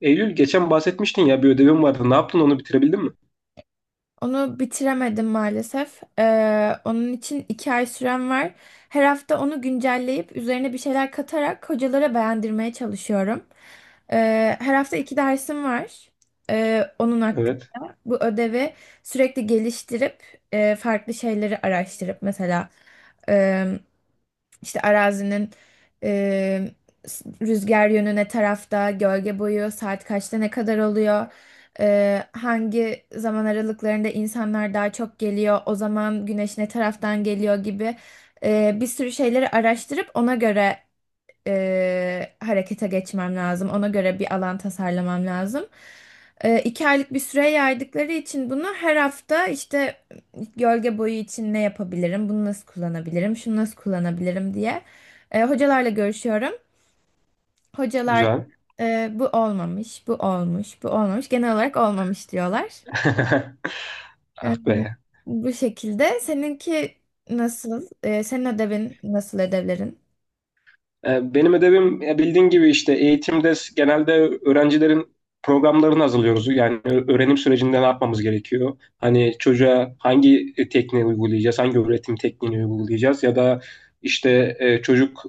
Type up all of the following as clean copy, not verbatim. Eylül geçen bahsetmiştin ya bir ödevim vardı. Ne yaptın, onu bitirebildin mi? Onu bitiremedim maalesef. Onun için 2 ay sürem var. Her hafta onu güncelleyip üzerine bir şeyler katarak hocalara beğendirmeye çalışıyorum. Her hafta iki dersim var. Onun hakkında. Evet. Bu ödevi sürekli geliştirip farklı şeyleri araştırıp mesela işte arazinin e, rüzgar yönüne tarafta, gölge boyu, saat kaçta ne kadar oluyor, hangi zaman aralıklarında insanlar daha çok geliyor, o zaman güneş ne taraftan geliyor gibi bir sürü şeyleri araştırıp ona göre harekete geçmem lazım. Ona göre bir alan tasarlamam lazım. 2 aylık bir süre yaydıkları için bunu her hafta işte gölge boyu için ne yapabilirim, bunu nasıl kullanabilirim, şunu nasıl kullanabilirim diye hocalarla görüşüyorum. Hocalar Güzel. Bu olmamış, bu olmuş, bu olmamış. Genel olarak olmamış diyorlar. Ah E, be. Bu şekilde. Seninki nasıl? Senin ödevin nasıl ödevlerin? Benim ödevim, bildiğin gibi, işte eğitimde genelde öğrencilerin programlarını hazırlıyoruz. Yani öğrenim sürecinde ne yapmamız gerekiyor? Hani çocuğa hangi tekniği uygulayacağız, hangi öğretim tekniğini uygulayacağız, ya da işte çocuk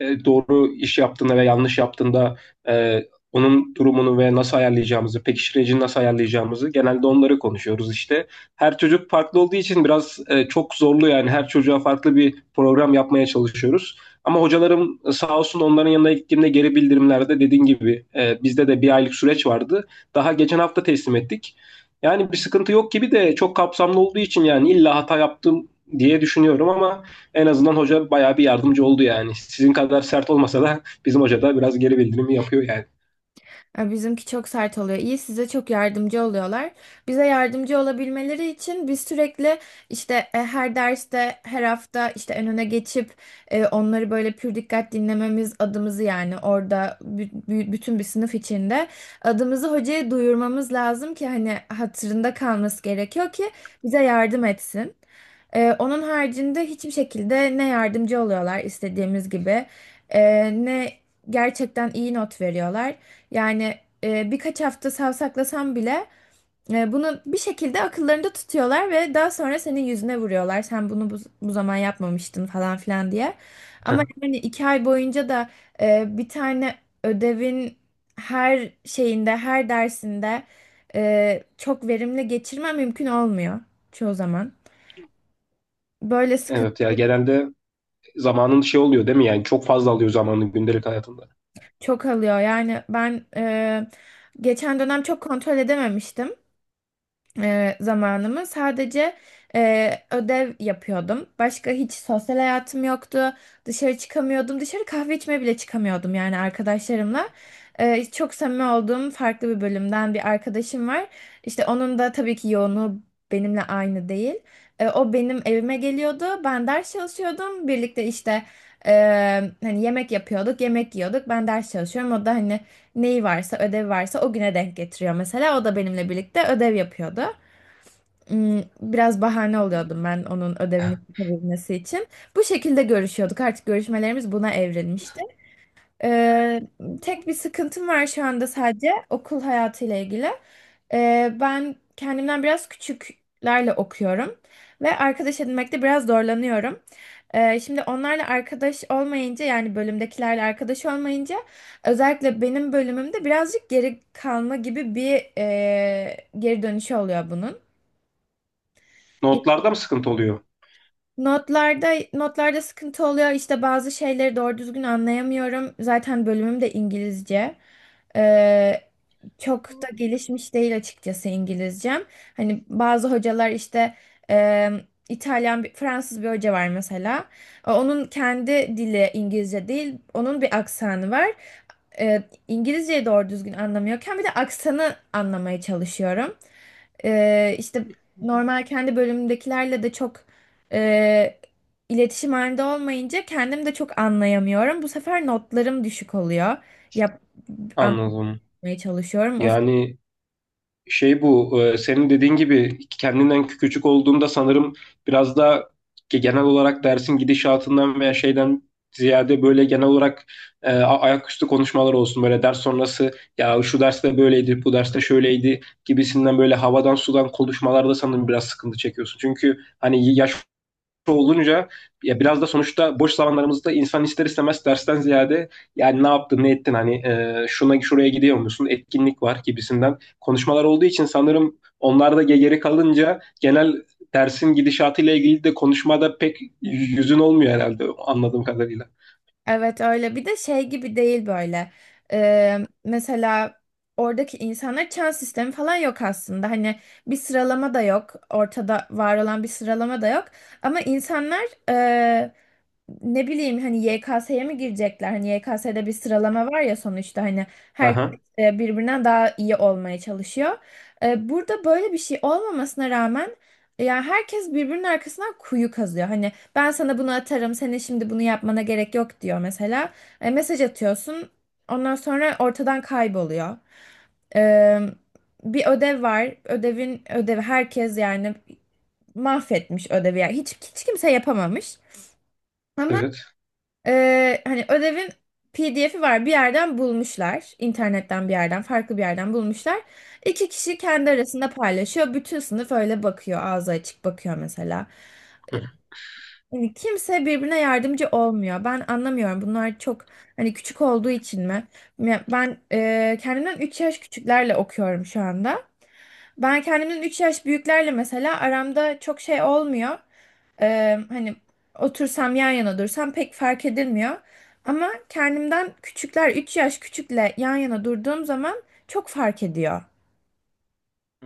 doğru iş yaptığında ve yanlış yaptığında e, onun durumunu ve nasıl ayarlayacağımızı, pekiştiricini nasıl ayarlayacağımızı genelde onları konuşuyoruz işte. Her çocuk farklı olduğu için biraz çok zorlu, yani her çocuğa farklı bir program yapmaya çalışıyoruz. Ama hocalarım, sağ olsun, onların yanına gittiğimde geri bildirimlerde, dediğin gibi, bizde de bir aylık süreç vardı. Daha geçen hafta teslim ettik. Yani bir sıkıntı yok gibi de çok kapsamlı olduğu için yani illa hata yaptım diye düşünüyorum, ama en azından hoca bayağı bir yardımcı oldu yani. Sizin kadar sert olmasa da bizim hoca da biraz geri bildirimi yapıyor yani. Bizimki çok sert oluyor. İyi size çok yardımcı oluyorlar. Bize yardımcı olabilmeleri için biz sürekli işte her derste, her hafta işte en öne geçip onları böyle pür dikkat dinlememiz adımızı yani orada bütün bir sınıf içinde adımızı hocaya duyurmamız lazım ki hani hatırında kalması gerekiyor ki bize yardım etsin. Onun haricinde hiçbir şekilde ne yardımcı oluyorlar istediğimiz gibi ne gerçekten iyi not veriyorlar. Yani birkaç hafta savsaklasam bile bunu bir şekilde akıllarında tutuyorlar ve daha sonra senin yüzüne vuruyorlar. Sen bunu bu zaman yapmamıştın falan filan diye. Ama yani 2 ay boyunca da bir tane ödevin her şeyinde, her dersinde çok verimli geçirmem mümkün olmuyor çoğu zaman. Böyle evet, sıkıntı ya genelde zamanın şey oluyor değil mi, yani çok fazla alıyor zamanın gündelik hayatında. çok alıyor. Yani ben geçen dönem çok kontrol edememiştim. Zamanımı sadece ödev yapıyordum. Başka hiç sosyal hayatım yoktu. Dışarı çıkamıyordum. Dışarı kahve içmeye bile çıkamıyordum yani arkadaşlarımla. Çok samimi olduğum farklı bir bölümden bir arkadaşım var. İşte onun da tabii ki yoğunluğu benimle aynı değil. O benim evime geliyordu. Ben ders çalışıyordum. Birlikte işte e, hani yemek yapıyorduk, yemek yiyorduk. Ben ders çalışıyorum. O da hani neyi varsa, ödev varsa o güne denk getiriyor mesela. O da benimle birlikte ödev yapıyordu. Biraz bahane oluyordum ben onun ödevini yapabilmesi için. Bu şekilde görüşüyorduk. Artık görüşmelerimiz buna evrilmişti. Ee, tek bir sıkıntım var şu anda sadece okul hayatıyla ilgili. Ben kendimden biraz küçüklerle okuyorum ve arkadaş edinmekte biraz zorlanıyorum. Şimdi onlarla arkadaş olmayınca yani bölümdekilerle arkadaş olmayınca özellikle benim bölümümde birazcık geri kalma gibi bir geri dönüşü oluyor bunun. Notlarda mı sıkıntı oluyor? Notlarda notlarda sıkıntı oluyor. İşte bazı şeyleri doğru düzgün anlayamıyorum. Zaten bölümüm de İngilizce. Ee, çok da gelişmiş değil açıkçası İngilizcem. Hani bazı hocalar işte e, İtalyan, bir, Fransız bir hoca var mesela. Onun kendi dili İngilizce değil. Onun bir aksanı var. İngilizceyi doğru düzgün anlamıyorken bir de aksanı anlamaya çalışıyorum. İşte normal kendi bölümümdekilerle de çok e, iletişim halinde olmayınca kendim de çok anlayamıyorum. Bu sefer notlarım düşük oluyor. Yap, Anladım. anlamaya çalışıyorum. Yani şey, bu senin dediğin gibi kendinden küçük olduğumda sanırım biraz da genel olarak dersin gidişatından veya şeyden ziyade, böyle genel olarak ayaküstü konuşmalar olsun, böyle ders sonrası ya şu derste böyleydi, bu derste şöyleydi gibisinden, böyle havadan sudan konuşmalarda sanırım biraz sıkıntı çekiyorsun. Çünkü hani yaş olunca, ya biraz da sonuçta boş zamanlarımızda insan ister istemez dersten ziyade yani ne yaptın ne ettin, hani şuna şuraya gidiyor musun, etkinlik var gibisinden konuşmalar olduğu için sanırım, onlar da geri kalınca genel dersin gidişatıyla ilgili de konuşmada pek yüzün olmuyor herhalde, anladığım kadarıyla. Evet, öyle bir de şey gibi değil böyle. Ee, mesela oradaki insanlar çan sistemi falan yok aslında. Hani bir sıralama da yok, ortada var olan bir sıralama da yok, ama insanlar e, ne bileyim hani YKS'ye mi girecekler, hani YKS'de bir sıralama var ya sonuçta, hani herkes Aha, birbirinden daha iyi olmaya çalışıyor. Burada böyle bir şey olmamasına rağmen yani herkes birbirinin arkasından kuyu kazıyor. Hani ben sana bunu atarım. Senin şimdi bunu yapmana gerek yok diyor mesela. Mesaj atıyorsun. Ondan sonra ortadan kayboluyor. E, bir ödev var. Ödevin ödevi herkes yani mahvetmiş ödevi. Yani hiç hiç kimse yapamamış. Ama evet. Hani ödevin PDF'i var. Bir yerden bulmuşlar. İnternetten bir yerden, farklı bir yerden bulmuşlar. İki kişi kendi arasında paylaşıyor. Bütün sınıf öyle bakıyor. Ağzı açık bakıyor mesela. Yani kimse birbirine yardımcı olmuyor. Ben anlamıyorum. Bunlar çok hani küçük olduğu için mi? Ya ben kendimden 3 yaş küçüklerle okuyorum şu anda. Ben kendimden 3 yaş büyüklerle mesela aramda çok şey olmuyor. Hani otursam yan yana dursam pek fark edilmiyor. Ama kendimden küçükler 3 yaş küçükle yan yana durduğum zaman çok fark ediyor.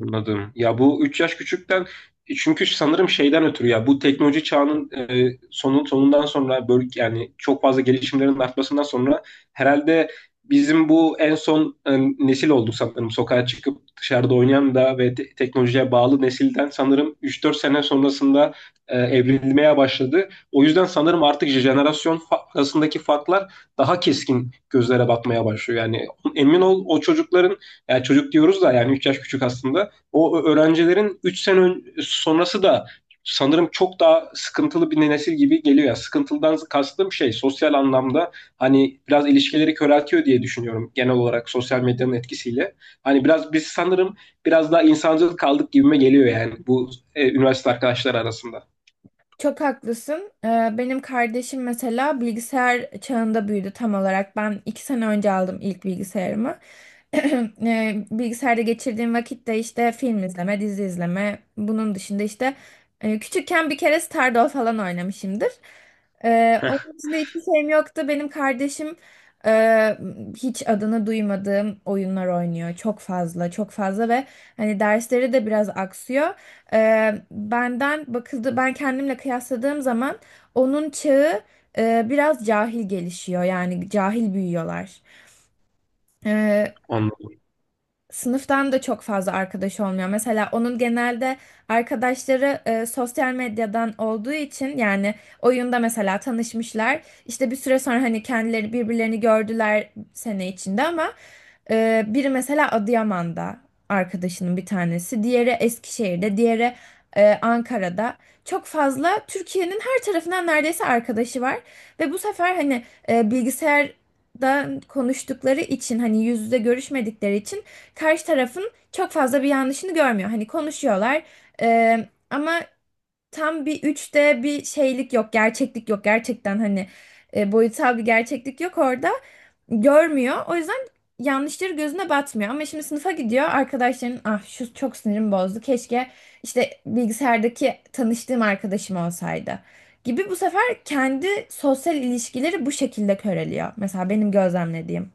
Anladım. Ya bu 3 yaş küçükten, çünkü sanırım şeyden ötürü, ya bu teknoloji çağının sonundan sonra böyle yani çok fazla gelişimlerin artmasından sonra herhalde bizim bu en son nesil olduk sanırım, sokağa çıkıp dışarıda oynayan. Da ve teknolojiye bağlı nesilden sanırım üç dört sene sonrasında evrilmeye başladı. O yüzden sanırım artık jenerasyon arasındaki farklar daha keskin, gözlere batmaya başlıyor. Yani emin ol, o çocukların, yani çocuk diyoruz da yani 3 yaş küçük aslında, o öğrencilerin 3 sene sonrası da sanırım çok daha sıkıntılı bir nesil gibi geliyor. Yani sıkıntılıdan kastım şey, sosyal anlamda hani biraz ilişkileri köreltiyor diye düşünüyorum, genel olarak sosyal medyanın etkisiyle. Hani biraz biz sanırım biraz daha insancıl kaldık gibime geliyor yani, bu üniversite arkadaşları arasında. Çok haklısın. Benim kardeşim mesela bilgisayar çağında büyüdü tam olarak. Ben 2 sene önce aldım ilk bilgisayarımı. Bilgisayarda geçirdiğim vakitte işte film izleme, dizi izleme. Bunun dışında işte küçükken bir kere Stardoll falan oynamışımdır. Ee, Heh, onun dışında hiçbir şeyim yoktu. Benim kardeşim e, hiç adını duymadığım oyunlar oynuyor. Çok fazla, çok fazla ve hani dersleri de biraz aksıyor. Benden bakıldı, ben kendimle kıyasladığım zaman onun çağı biraz cahil gelişiyor, yani cahil büyüyorlar. Eee, anladım. sınıftan da çok fazla arkadaş olmuyor. Mesela onun genelde arkadaşları sosyal medyadan olduğu için yani oyunda mesela tanışmışlar. İşte bir süre sonra hani kendileri birbirlerini gördüler sene içinde ama biri mesela Adıyaman'da arkadaşının bir tanesi, diğeri Eskişehir'de, diğeri Ankara'da. Çok fazla Türkiye'nin her tarafından neredeyse arkadaşı var ve bu sefer hani bilgisayardan konuştukları için, hani yüz yüze görüşmedikleri için karşı tarafın çok fazla bir yanlışını görmüyor. Hani konuşuyorlar e, ama tam bir üçte bir şeylik yok, gerçeklik yok. Gerçekten hani boyutsal bir gerçeklik yok orada. Görmüyor. O yüzden yanlışları gözüne batmıyor. Ama şimdi sınıfa gidiyor. Arkadaşların, ah şu çok sinirim bozdu, keşke işte bilgisayardaki tanıştığım arkadaşım olsaydı gibi. Bu sefer kendi sosyal ilişkileri bu şekilde köreliyor. Mesela benim gözlemlediğim.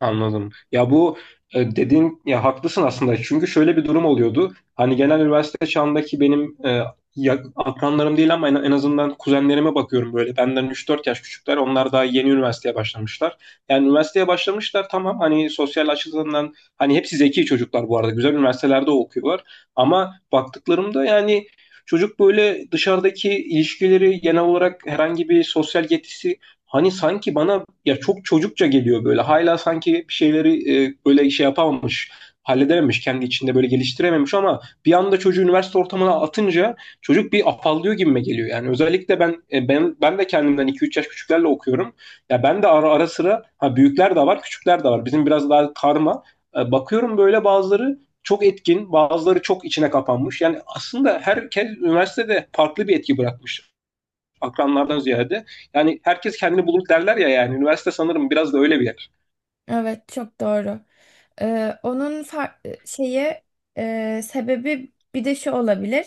Anladım. Ya bu, dediğin, ya haklısın aslında. Çünkü şöyle bir durum oluyordu. Hani genel üniversite çağındaki benim akranlarım değil ama en azından kuzenlerime bakıyorum böyle. Benden üç dört yaş küçükler. Onlar daha yeni üniversiteye başlamışlar. Yani üniversiteye başlamışlar tamam, hani sosyal açıdan, hani hepsi zeki çocuklar bu arada. Güzel üniversitelerde okuyorlar. Ama baktıklarımda yani, çocuk böyle dışarıdaki ilişkileri genel olarak, herhangi bir sosyal yetisi, hani sanki bana ya çok çocukça geliyor böyle. Hala sanki bir şeyleri böyle şey yapamamış, halledememiş, kendi içinde böyle geliştirememiş, ama bir anda çocuğu üniversite ortamına atınca çocuk bir afallıyor gibime geliyor. Yani özellikle ben e, ben ben de kendimden 2-3 yaş küçüklerle okuyorum. Ya ben de ara sıra, ha büyükler de var, küçükler de var. Bizim biraz daha karma. Bakıyorum böyle bazıları çok etkin, bazıları çok içine kapanmış. Yani aslında herkes üniversitede farklı bir etki bırakmış, akranlardan ziyade. Yani herkes kendini bulur derler ya yani. Üniversite sanırım biraz da öyle bir yer. Evet, çok doğru. Onun far- şeyi sebebi bir de şu olabilir.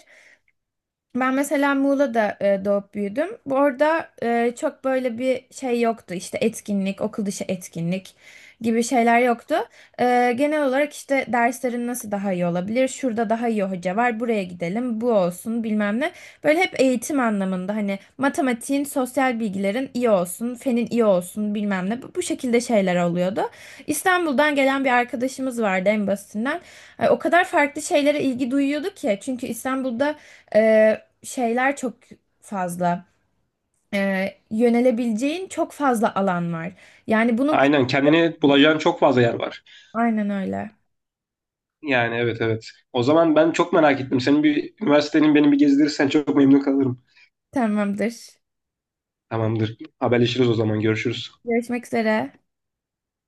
Ben mesela Muğla'da doğup büyüdüm. Bu arada çok böyle bir şey yoktu. İşte etkinlik, okul dışı etkinlik gibi şeyler yoktu. Genel olarak işte derslerin nasıl daha iyi olabilir? Şurada daha iyi hoca var, buraya gidelim, bu olsun bilmem ne. Böyle hep eğitim anlamında hani matematiğin, sosyal bilgilerin iyi olsun, fenin iyi olsun bilmem ne. Bu şekilde şeyler oluyordu. İstanbul'dan gelen bir arkadaşımız vardı en basitinden. O kadar farklı şeylere ilgi duyuyordu ki. Çünkü İstanbul'da... E, şeyler çok fazla. Yönelebileceğin çok fazla alan var. Yani bunu Aynen, kendini bulacağın çok fazla yer var. aynen öyle. Yani evet, evet. O zaman ben çok merak ettim. Senin bir üniversitenin beni bir gezdirirsen çok memnun kalırım. Tamamdır. Tamamdır. Haberleşiriz o zaman. Görüşürüz. Görüşmek üzere.